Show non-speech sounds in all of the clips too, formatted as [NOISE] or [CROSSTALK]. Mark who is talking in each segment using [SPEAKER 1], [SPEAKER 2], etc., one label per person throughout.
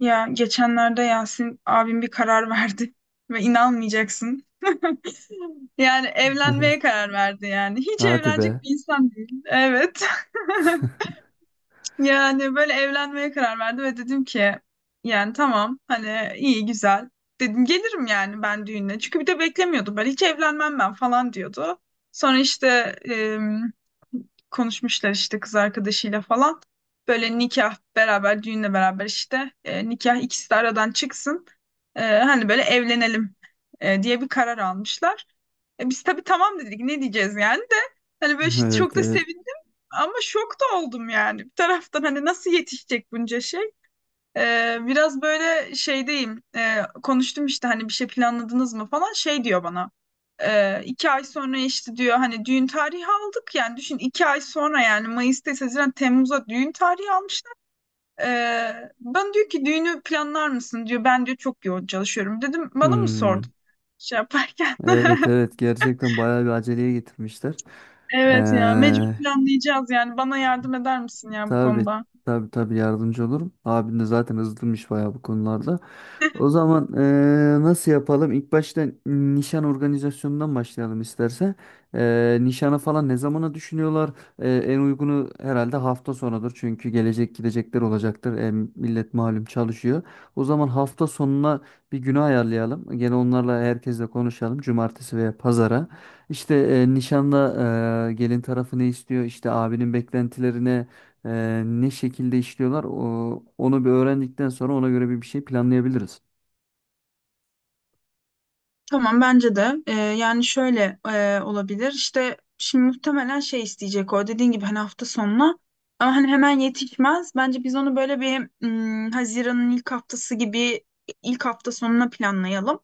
[SPEAKER 1] Ya geçenlerde Yasin abim bir karar verdi [LAUGHS] ve inanmayacaksın. [LAUGHS] Yani
[SPEAKER 2] Evet.
[SPEAKER 1] evlenmeye karar verdi yani. Hiç
[SPEAKER 2] Hadi be.
[SPEAKER 1] evlenecek bir insan değil. Evet. [LAUGHS] Yani böyle evlenmeye karar verdi ve dedim ki yani tamam hani iyi güzel. Dedim gelirim yani ben düğüne. Çünkü bir de beklemiyordum böyle hiç evlenmem ben falan diyordu. Sonra işte em, konuşmuşlar işte kız arkadaşıyla falan. Böyle nikah beraber düğünle beraber işte nikah ikisi de aradan çıksın. Hani böyle evlenelim diye bir karar almışlar. Biz tabii tamam dedik ne diyeceğiz yani de hani böyle
[SPEAKER 2] Evet,
[SPEAKER 1] çok da
[SPEAKER 2] evet.
[SPEAKER 1] sevindim ama şok da oldum yani bir taraftan hani nasıl yetişecek bunca şey. Biraz böyle şeydeyim. Konuştum işte hani bir şey planladınız mı falan şey diyor bana. İki ay sonra işte diyor hani düğün tarihi aldık yani düşün iki ay sonra yani Mayıs'ta Haziran Temmuz'a düğün tarihi almışlar. E, Ben diyor ki düğünü planlar mısın diyor ben diyor çok yoğun çalışıyorum dedim bana mı
[SPEAKER 2] Hmm.
[SPEAKER 1] sordun şey yaparken.
[SPEAKER 2] Evet, evet, gerçekten bayağı bir aceleye getirmişler.
[SPEAKER 1] Evet ya
[SPEAKER 2] Ee,
[SPEAKER 1] mecbur planlayacağız yani bana yardım eder misin ya bu
[SPEAKER 2] tabii,
[SPEAKER 1] konuda?
[SPEAKER 2] tabii yardımcı olurum. Abin de zaten hızlıymış bayağı bu konularda. O zaman nasıl yapalım? İlk başta nişan organizasyonundan başlayalım istersen. Nişana falan ne zamana düşünüyorlar? En uygunu herhalde hafta sonudur. Çünkü gelecek gidecekler olacaktır. Millet malum çalışıyor. O zaman hafta sonuna bir günü ayarlayalım. Gene onlarla herkesle konuşalım. Cumartesi veya pazara. İşte nişanda, gelin tarafı ne istiyor? İşte abinin beklentilerine ne şekilde işliyorlar? Onu bir öğrendikten sonra ona göre bir şey planlayabiliriz.
[SPEAKER 1] Tamam bence de. Yani şöyle olabilir işte şimdi muhtemelen şey isteyecek o dediğin gibi hani hafta sonuna ama hani hemen yetişmez bence biz onu böyle bir Haziran'ın ilk haftası gibi ilk hafta sonuna planlayalım.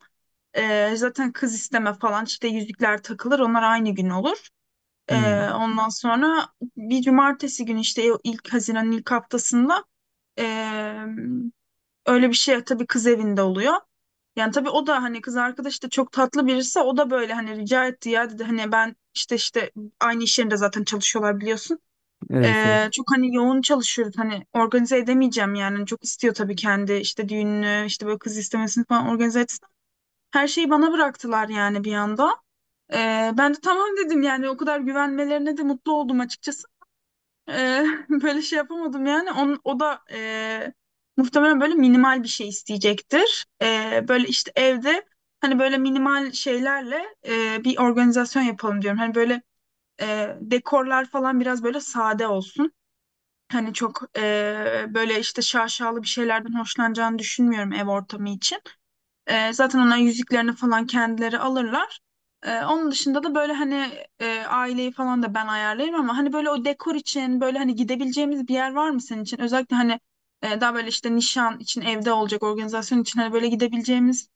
[SPEAKER 1] Zaten kız isteme falan işte yüzükler takılır onlar aynı gün olur.
[SPEAKER 2] Hmm,
[SPEAKER 1] Ondan sonra bir cumartesi günü işte ilk Haziran'ın ilk haftasında ee, öyle bir şey tabii kız evinde oluyor. Yani tabii o da hani kız arkadaş da çok tatlı birisi o da böyle hani rica etti ya dedi hani ben işte aynı iş yerinde zaten çalışıyorlar biliyorsun.
[SPEAKER 2] evet, evet.
[SPEAKER 1] Çok hani yoğun çalışıyoruz hani organize edemeyeceğim yani. Hani, çok istiyor tabii kendi işte düğününü işte böyle kız istemesini falan organize etsin. Her şeyi bana bıraktılar yani bir anda. Ben de tamam dedim yani o kadar güvenmelerine de mutlu oldum açıkçası. [LAUGHS] Böyle şey yapamadım yani. O da muhtemelen böyle minimal bir şey isteyecektir. Böyle işte evde hani böyle minimal şeylerle bir organizasyon yapalım diyorum. Hani böyle dekorlar falan biraz böyle sade olsun. Hani çok böyle işte şaşalı bir şeylerden hoşlanacağını düşünmüyorum ev ortamı için. Zaten onların yüzüklerini falan kendileri alırlar. Onun dışında da böyle hani aileyi falan da ben ayarlayayım ama hani böyle o dekor için böyle hani gidebileceğimiz bir yer var mı senin için? Özellikle hani daha böyle işte nişan için evde olacak organizasyon için hani böyle gidebileceğimiz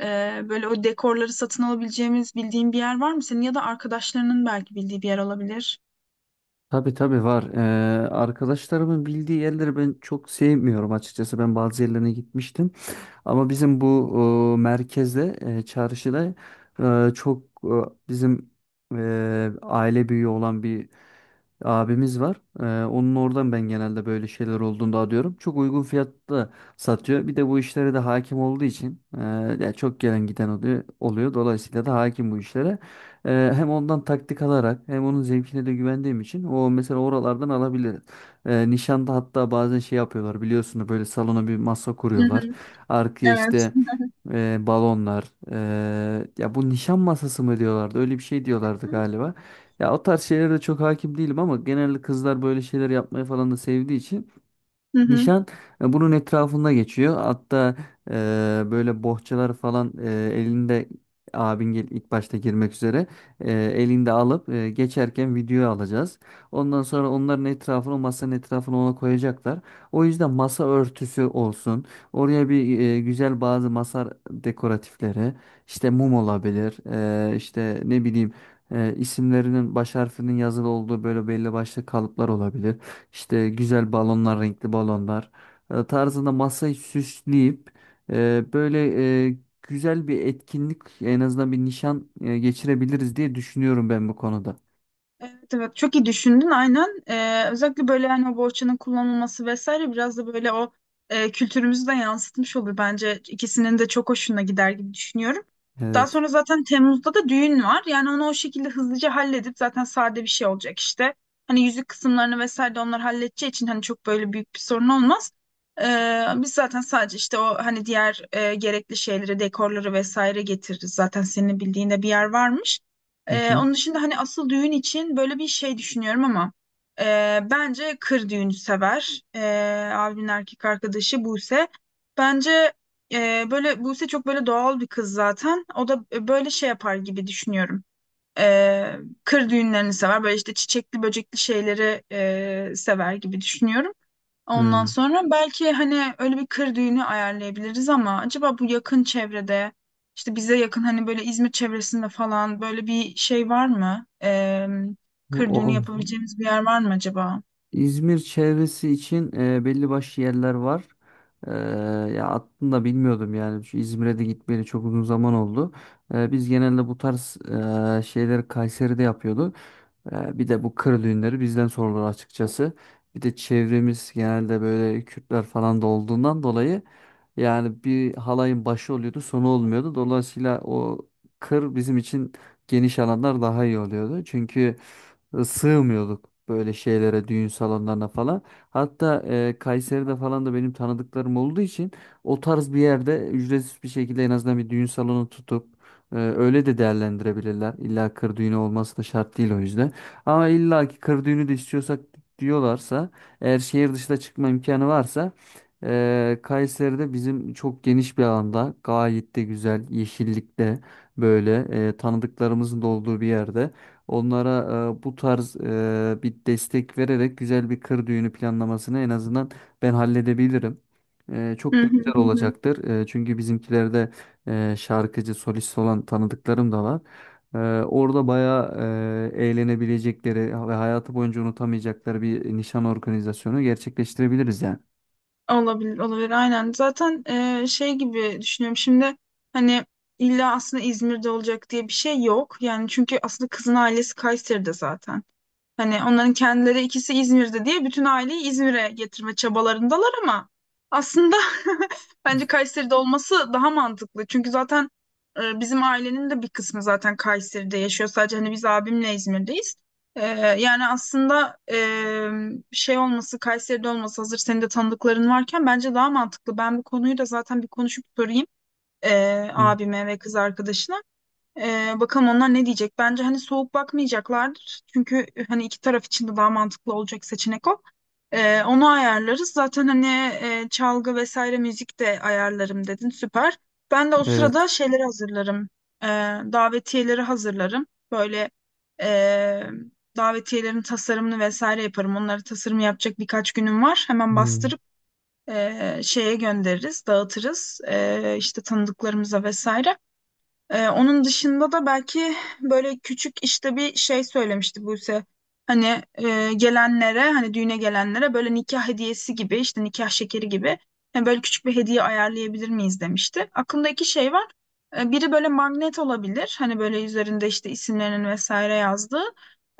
[SPEAKER 1] e, böyle o dekorları satın alabileceğimiz bildiğin bir yer var mı senin ya da arkadaşlarının belki bildiği bir yer olabilir.
[SPEAKER 2] Tabii tabii var. Arkadaşlarımın bildiği yerleri ben çok sevmiyorum açıkçası. Ben bazı yerlerine gitmiştim. Ama bizim bu merkezde, çarşıda e, çok e, bizim e, aile büyüğü olan bir abimiz var. Onun oradan ben genelde böyle şeyler olduğunu da alıyorum. Çok uygun fiyatta satıyor. Bir de bu işlere de hakim olduğu için ya çok gelen giden oluyor. Dolayısıyla da hakim bu işlere. Hem ondan taktik alarak hem onun zevkine de güvendiğim için o mesela oralardan alabiliriz. Nişanda hatta bazen şey yapıyorlar biliyorsunuz, böyle salona bir masa
[SPEAKER 1] Hı
[SPEAKER 2] kuruyorlar.
[SPEAKER 1] hı,
[SPEAKER 2] Arkaya
[SPEAKER 1] evet.
[SPEAKER 2] işte balonlar, ya bu nişan masası mı diyorlardı, öyle bir şey diyorlardı galiba. Ya o tarz şeylere de çok hakim değilim ama genelde kızlar böyle şeyler yapmayı falan da sevdiği için
[SPEAKER 1] Hı hı.
[SPEAKER 2] nişan bunun etrafında geçiyor. Hatta e, böyle bohçalar falan elinde, ilk başta girmek üzere elinde alıp geçerken video alacağız. Ondan sonra onların etrafını, masanın etrafını ona koyacaklar. O yüzden masa örtüsü olsun. Oraya bir güzel bazı masa dekoratifleri, işte mum olabilir. İşte ne bileyim, isimlerinin baş harfinin yazılı olduğu böyle belli başlı kalıplar olabilir. İşte güzel balonlar, renkli balonlar tarzında masayı süsleyip e, böyle güzel bir etkinlik, en azından bir nişan geçirebiliriz diye düşünüyorum ben bu konuda.
[SPEAKER 1] Evet, evet çok iyi düşündün aynen. Özellikle böyle hani o bohçanın kullanılması vesaire biraz da böyle o kültürümüzü de yansıtmış olur bence. İkisinin de çok hoşuna gider gibi düşünüyorum. Daha
[SPEAKER 2] Evet.
[SPEAKER 1] sonra zaten Temmuz'da da düğün var. Yani onu o şekilde hızlıca halledip zaten sade bir şey olacak işte. Hani yüzük kısımlarını vesaire de onlar halledeceği için hani çok böyle büyük bir sorun olmaz. Biz zaten sadece işte o hani diğer gerekli şeyleri, dekorları vesaire getiririz. Zaten senin bildiğinde bir yer varmış.
[SPEAKER 2] Hı hı.
[SPEAKER 1] Onun dışında hani asıl düğün için böyle bir şey düşünüyorum ama bence kır düğünü sever. Abimin erkek arkadaşı Buse. Bence böyle Buse çok böyle doğal bir kız zaten. O da böyle şey yapar gibi düşünüyorum. Ee, Kır düğünlerini sever. Böyle işte çiçekli böcekli şeyleri sever gibi düşünüyorum. Ondan
[SPEAKER 2] Hmm.
[SPEAKER 1] sonra belki hani öyle bir kır düğünü ayarlayabiliriz ama acaba bu yakın çevrede işte bize yakın hani böyle İzmir çevresinde falan böyle bir şey var mı?
[SPEAKER 2] Bu
[SPEAKER 1] Kır düğünü
[SPEAKER 2] ol-
[SPEAKER 1] yapabileceğimiz bir yer var mı acaba?
[SPEAKER 2] İzmir çevresi için belli başlı yerler var. E, Ya aslında bilmiyordum, yani şu İzmir'e de gitmeyeli çok uzun zaman oldu. Biz genelde bu tarz şeyleri Kayseri'de yapıyorduk. Bir de bu kır düğünleri bizden sorulur açıkçası. Bir de çevremiz genelde böyle Kürtler falan da olduğundan dolayı yani bir halayın başı oluyordu, sonu olmuyordu. Dolayısıyla o kır bizim için, geniş alanlar daha iyi oluyordu. Çünkü sığmıyorduk böyle şeylere, düğün salonlarına falan. Hatta Kayseri'de falan da benim tanıdıklarım olduğu için o tarz bir yerde ücretsiz bir şekilde en azından bir düğün salonu tutup öyle de değerlendirebilirler. İlla kır düğünü olması da şart değil o yüzden. Ama illa ki kır düğünü de istiyorsak, diyorlarsa, eğer şehir dışına çıkma imkanı varsa, Kayseri'de bizim çok geniş bir alanda, gayet de güzel yeşillikte, böyle tanıdıklarımızın da olduğu bir yerde onlara bu tarz bir destek vererek güzel bir kır düğünü planlamasını en azından ben halledebilirim. Çok
[SPEAKER 1] Hı
[SPEAKER 2] da
[SPEAKER 1] hı
[SPEAKER 2] güzel
[SPEAKER 1] hı. Hı.
[SPEAKER 2] olacaktır. Çünkü bizimkilerde şarkıcı solist olan tanıdıklarım da var. Ee, Orada bayağı eğlenebilecekleri ve hayatı boyunca unutamayacakları bir nişan organizasyonu gerçekleştirebiliriz yani.
[SPEAKER 1] Olabilir, olabilir. Aynen. Zaten şey gibi düşünüyorum şimdi hani illa aslında İzmir'de olacak diye bir şey yok. Yani çünkü aslında kızın ailesi Kayseri'de zaten. Hani onların kendileri ikisi İzmir'de diye bütün aileyi İzmir'e getirme çabalarındalar ama aslında [LAUGHS] bence Kayseri'de olması daha mantıklı. Çünkü zaten bizim ailenin de bir kısmı zaten Kayseri'de yaşıyor. Sadece hani biz abimle İzmir'deyiz. E, Yani aslında şey olması, Kayseri'de olması hazır senin de tanıdıkların varken bence daha mantıklı. Ben bu konuyu da zaten bir konuşup sorayım e,
[SPEAKER 2] Hı,
[SPEAKER 1] abime ve kız arkadaşına. Bakalım onlar ne diyecek? Bence hani soğuk bakmayacaklardır. Çünkü hani iki taraf için de daha mantıklı olacak seçenek o. Onu ayarlarız. Zaten hani çalgı vesaire müzik de ayarlarım dedin. Süper. Ben de o
[SPEAKER 2] evet.
[SPEAKER 1] sırada şeyleri hazırlarım. Ee, Davetiyeleri hazırlarım. Böyle e, davetiyelerin tasarımını vesaire yaparım. Onları tasarım yapacak birkaç günüm var. Hemen
[SPEAKER 2] Hı,
[SPEAKER 1] bastırıp şeye göndeririz, dağıtırız. E, işte tanıdıklarımıza vesaire. Onun dışında da belki böyle küçük işte bir şey söylemişti Buse. Hani gelenlere hani düğüne gelenlere böyle nikah hediyesi gibi işte nikah şekeri gibi hani böyle küçük bir hediye ayarlayabilir miyiz demişti. Aklımda iki şey var. Biri böyle magnet olabilir. Hani böyle üzerinde işte isimlerinin vesaire yazdığı.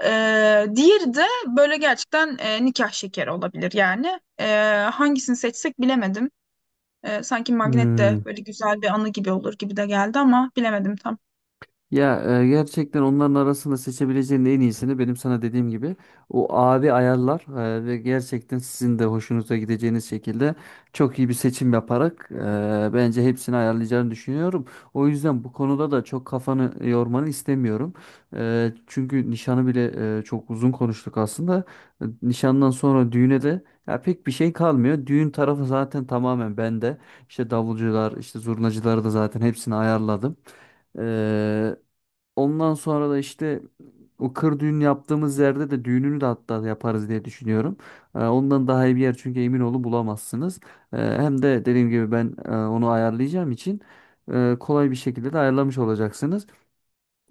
[SPEAKER 1] Diğeri de böyle gerçekten nikah şekeri olabilir yani. Hangisini seçsek bilemedim. Sanki magnet de
[SPEAKER 2] hı.
[SPEAKER 1] böyle güzel bir anı gibi olur gibi de geldi ama bilemedim tam.
[SPEAKER 2] Ya gerçekten onların arasında seçebileceğin en iyisini, benim sana dediğim gibi o abi ayarlar ve gerçekten sizin de hoşunuza gideceğiniz şekilde çok iyi bir seçim yaparak bence hepsini ayarlayacağını düşünüyorum. O yüzden bu konuda da çok kafanı yormanı istemiyorum. Çünkü nişanı bile çok uzun konuştuk aslında. Nişandan sonra düğüne de ya pek bir şey kalmıyor. Düğün tarafı zaten tamamen bende. İşte davulcular, işte zurnacıları da zaten hepsini ayarladım. E, Ondan sonra da işte o kır düğün yaptığımız yerde de düğününü de hatta yaparız diye düşünüyorum. Ondan daha iyi bir yer çünkü, emin olun, bulamazsınız. Hem de dediğim gibi ben onu ayarlayacağım için kolay bir şekilde de ayarlamış olacaksınız.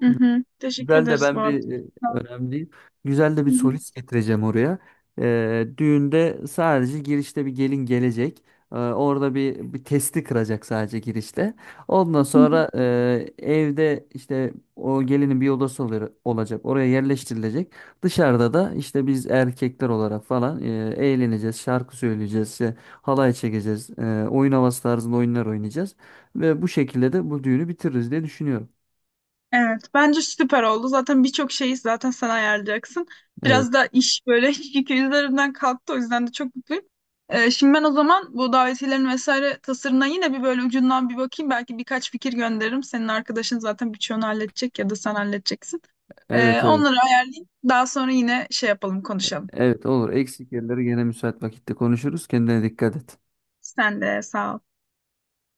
[SPEAKER 1] Hı hı. Teşekkür
[SPEAKER 2] Güzel de
[SPEAKER 1] ederiz bu
[SPEAKER 2] ben
[SPEAKER 1] arada.
[SPEAKER 2] bir önemli değil. Güzel de
[SPEAKER 1] Hı
[SPEAKER 2] bir
[SPEAKER 1] hı.
[SPEAKER 2] solist getireceğim oraya. Düğünde sadece girişte bir gelin gelecek. Orada bir testi kıracak sadece girişte. Ondan
[SPEAKER 1] Hı hı.
[SPEAKER 2] sonra evde işte o gelinin bir odası olacak. Oraya yerleştirilecek. Dışarıda da işte biz erkekler olarak falan eğleneceğiz. Şarkı söyleyeceğiz. İşte halay çekeceğiz. Oyun havası tarzında oyunlar oynayacağız. Ve bu şekilde de bu düğünü bitiririz diye düşünüyorum.
[SPEAKER 1] Evet, bence süper oldu. Zaten birçok şeyi zaten sen ayarlayacaksın.
[SPEAKER 2] Evet.
[SPEAKER 1] Biraz da iş böyle [LAUGHS] yükü üzerimden kalktı. O yüzden de çok mutluyum. Şimdi ben o zaman bu davetiyelerin vesaire tasarımına yine bir böyle ucundan bir bakayım. Belki birkaç fikir gönderirim. Senin arkadaşın zaten birçoğunu halledecek ya da sen halledeceksin.
[SPEAKER 2] Evet, evet.
[SPEAKER 1] Onları ayarlayayım. Daha sonra yine şey yapalım, konuşalım.
[SPEAKER 2] Evet, olur. Eksik yerleri gene müsait vakitte konuşuruz. Kendine dikkat et.
[SPEAKER 1] Sen de sağ ol.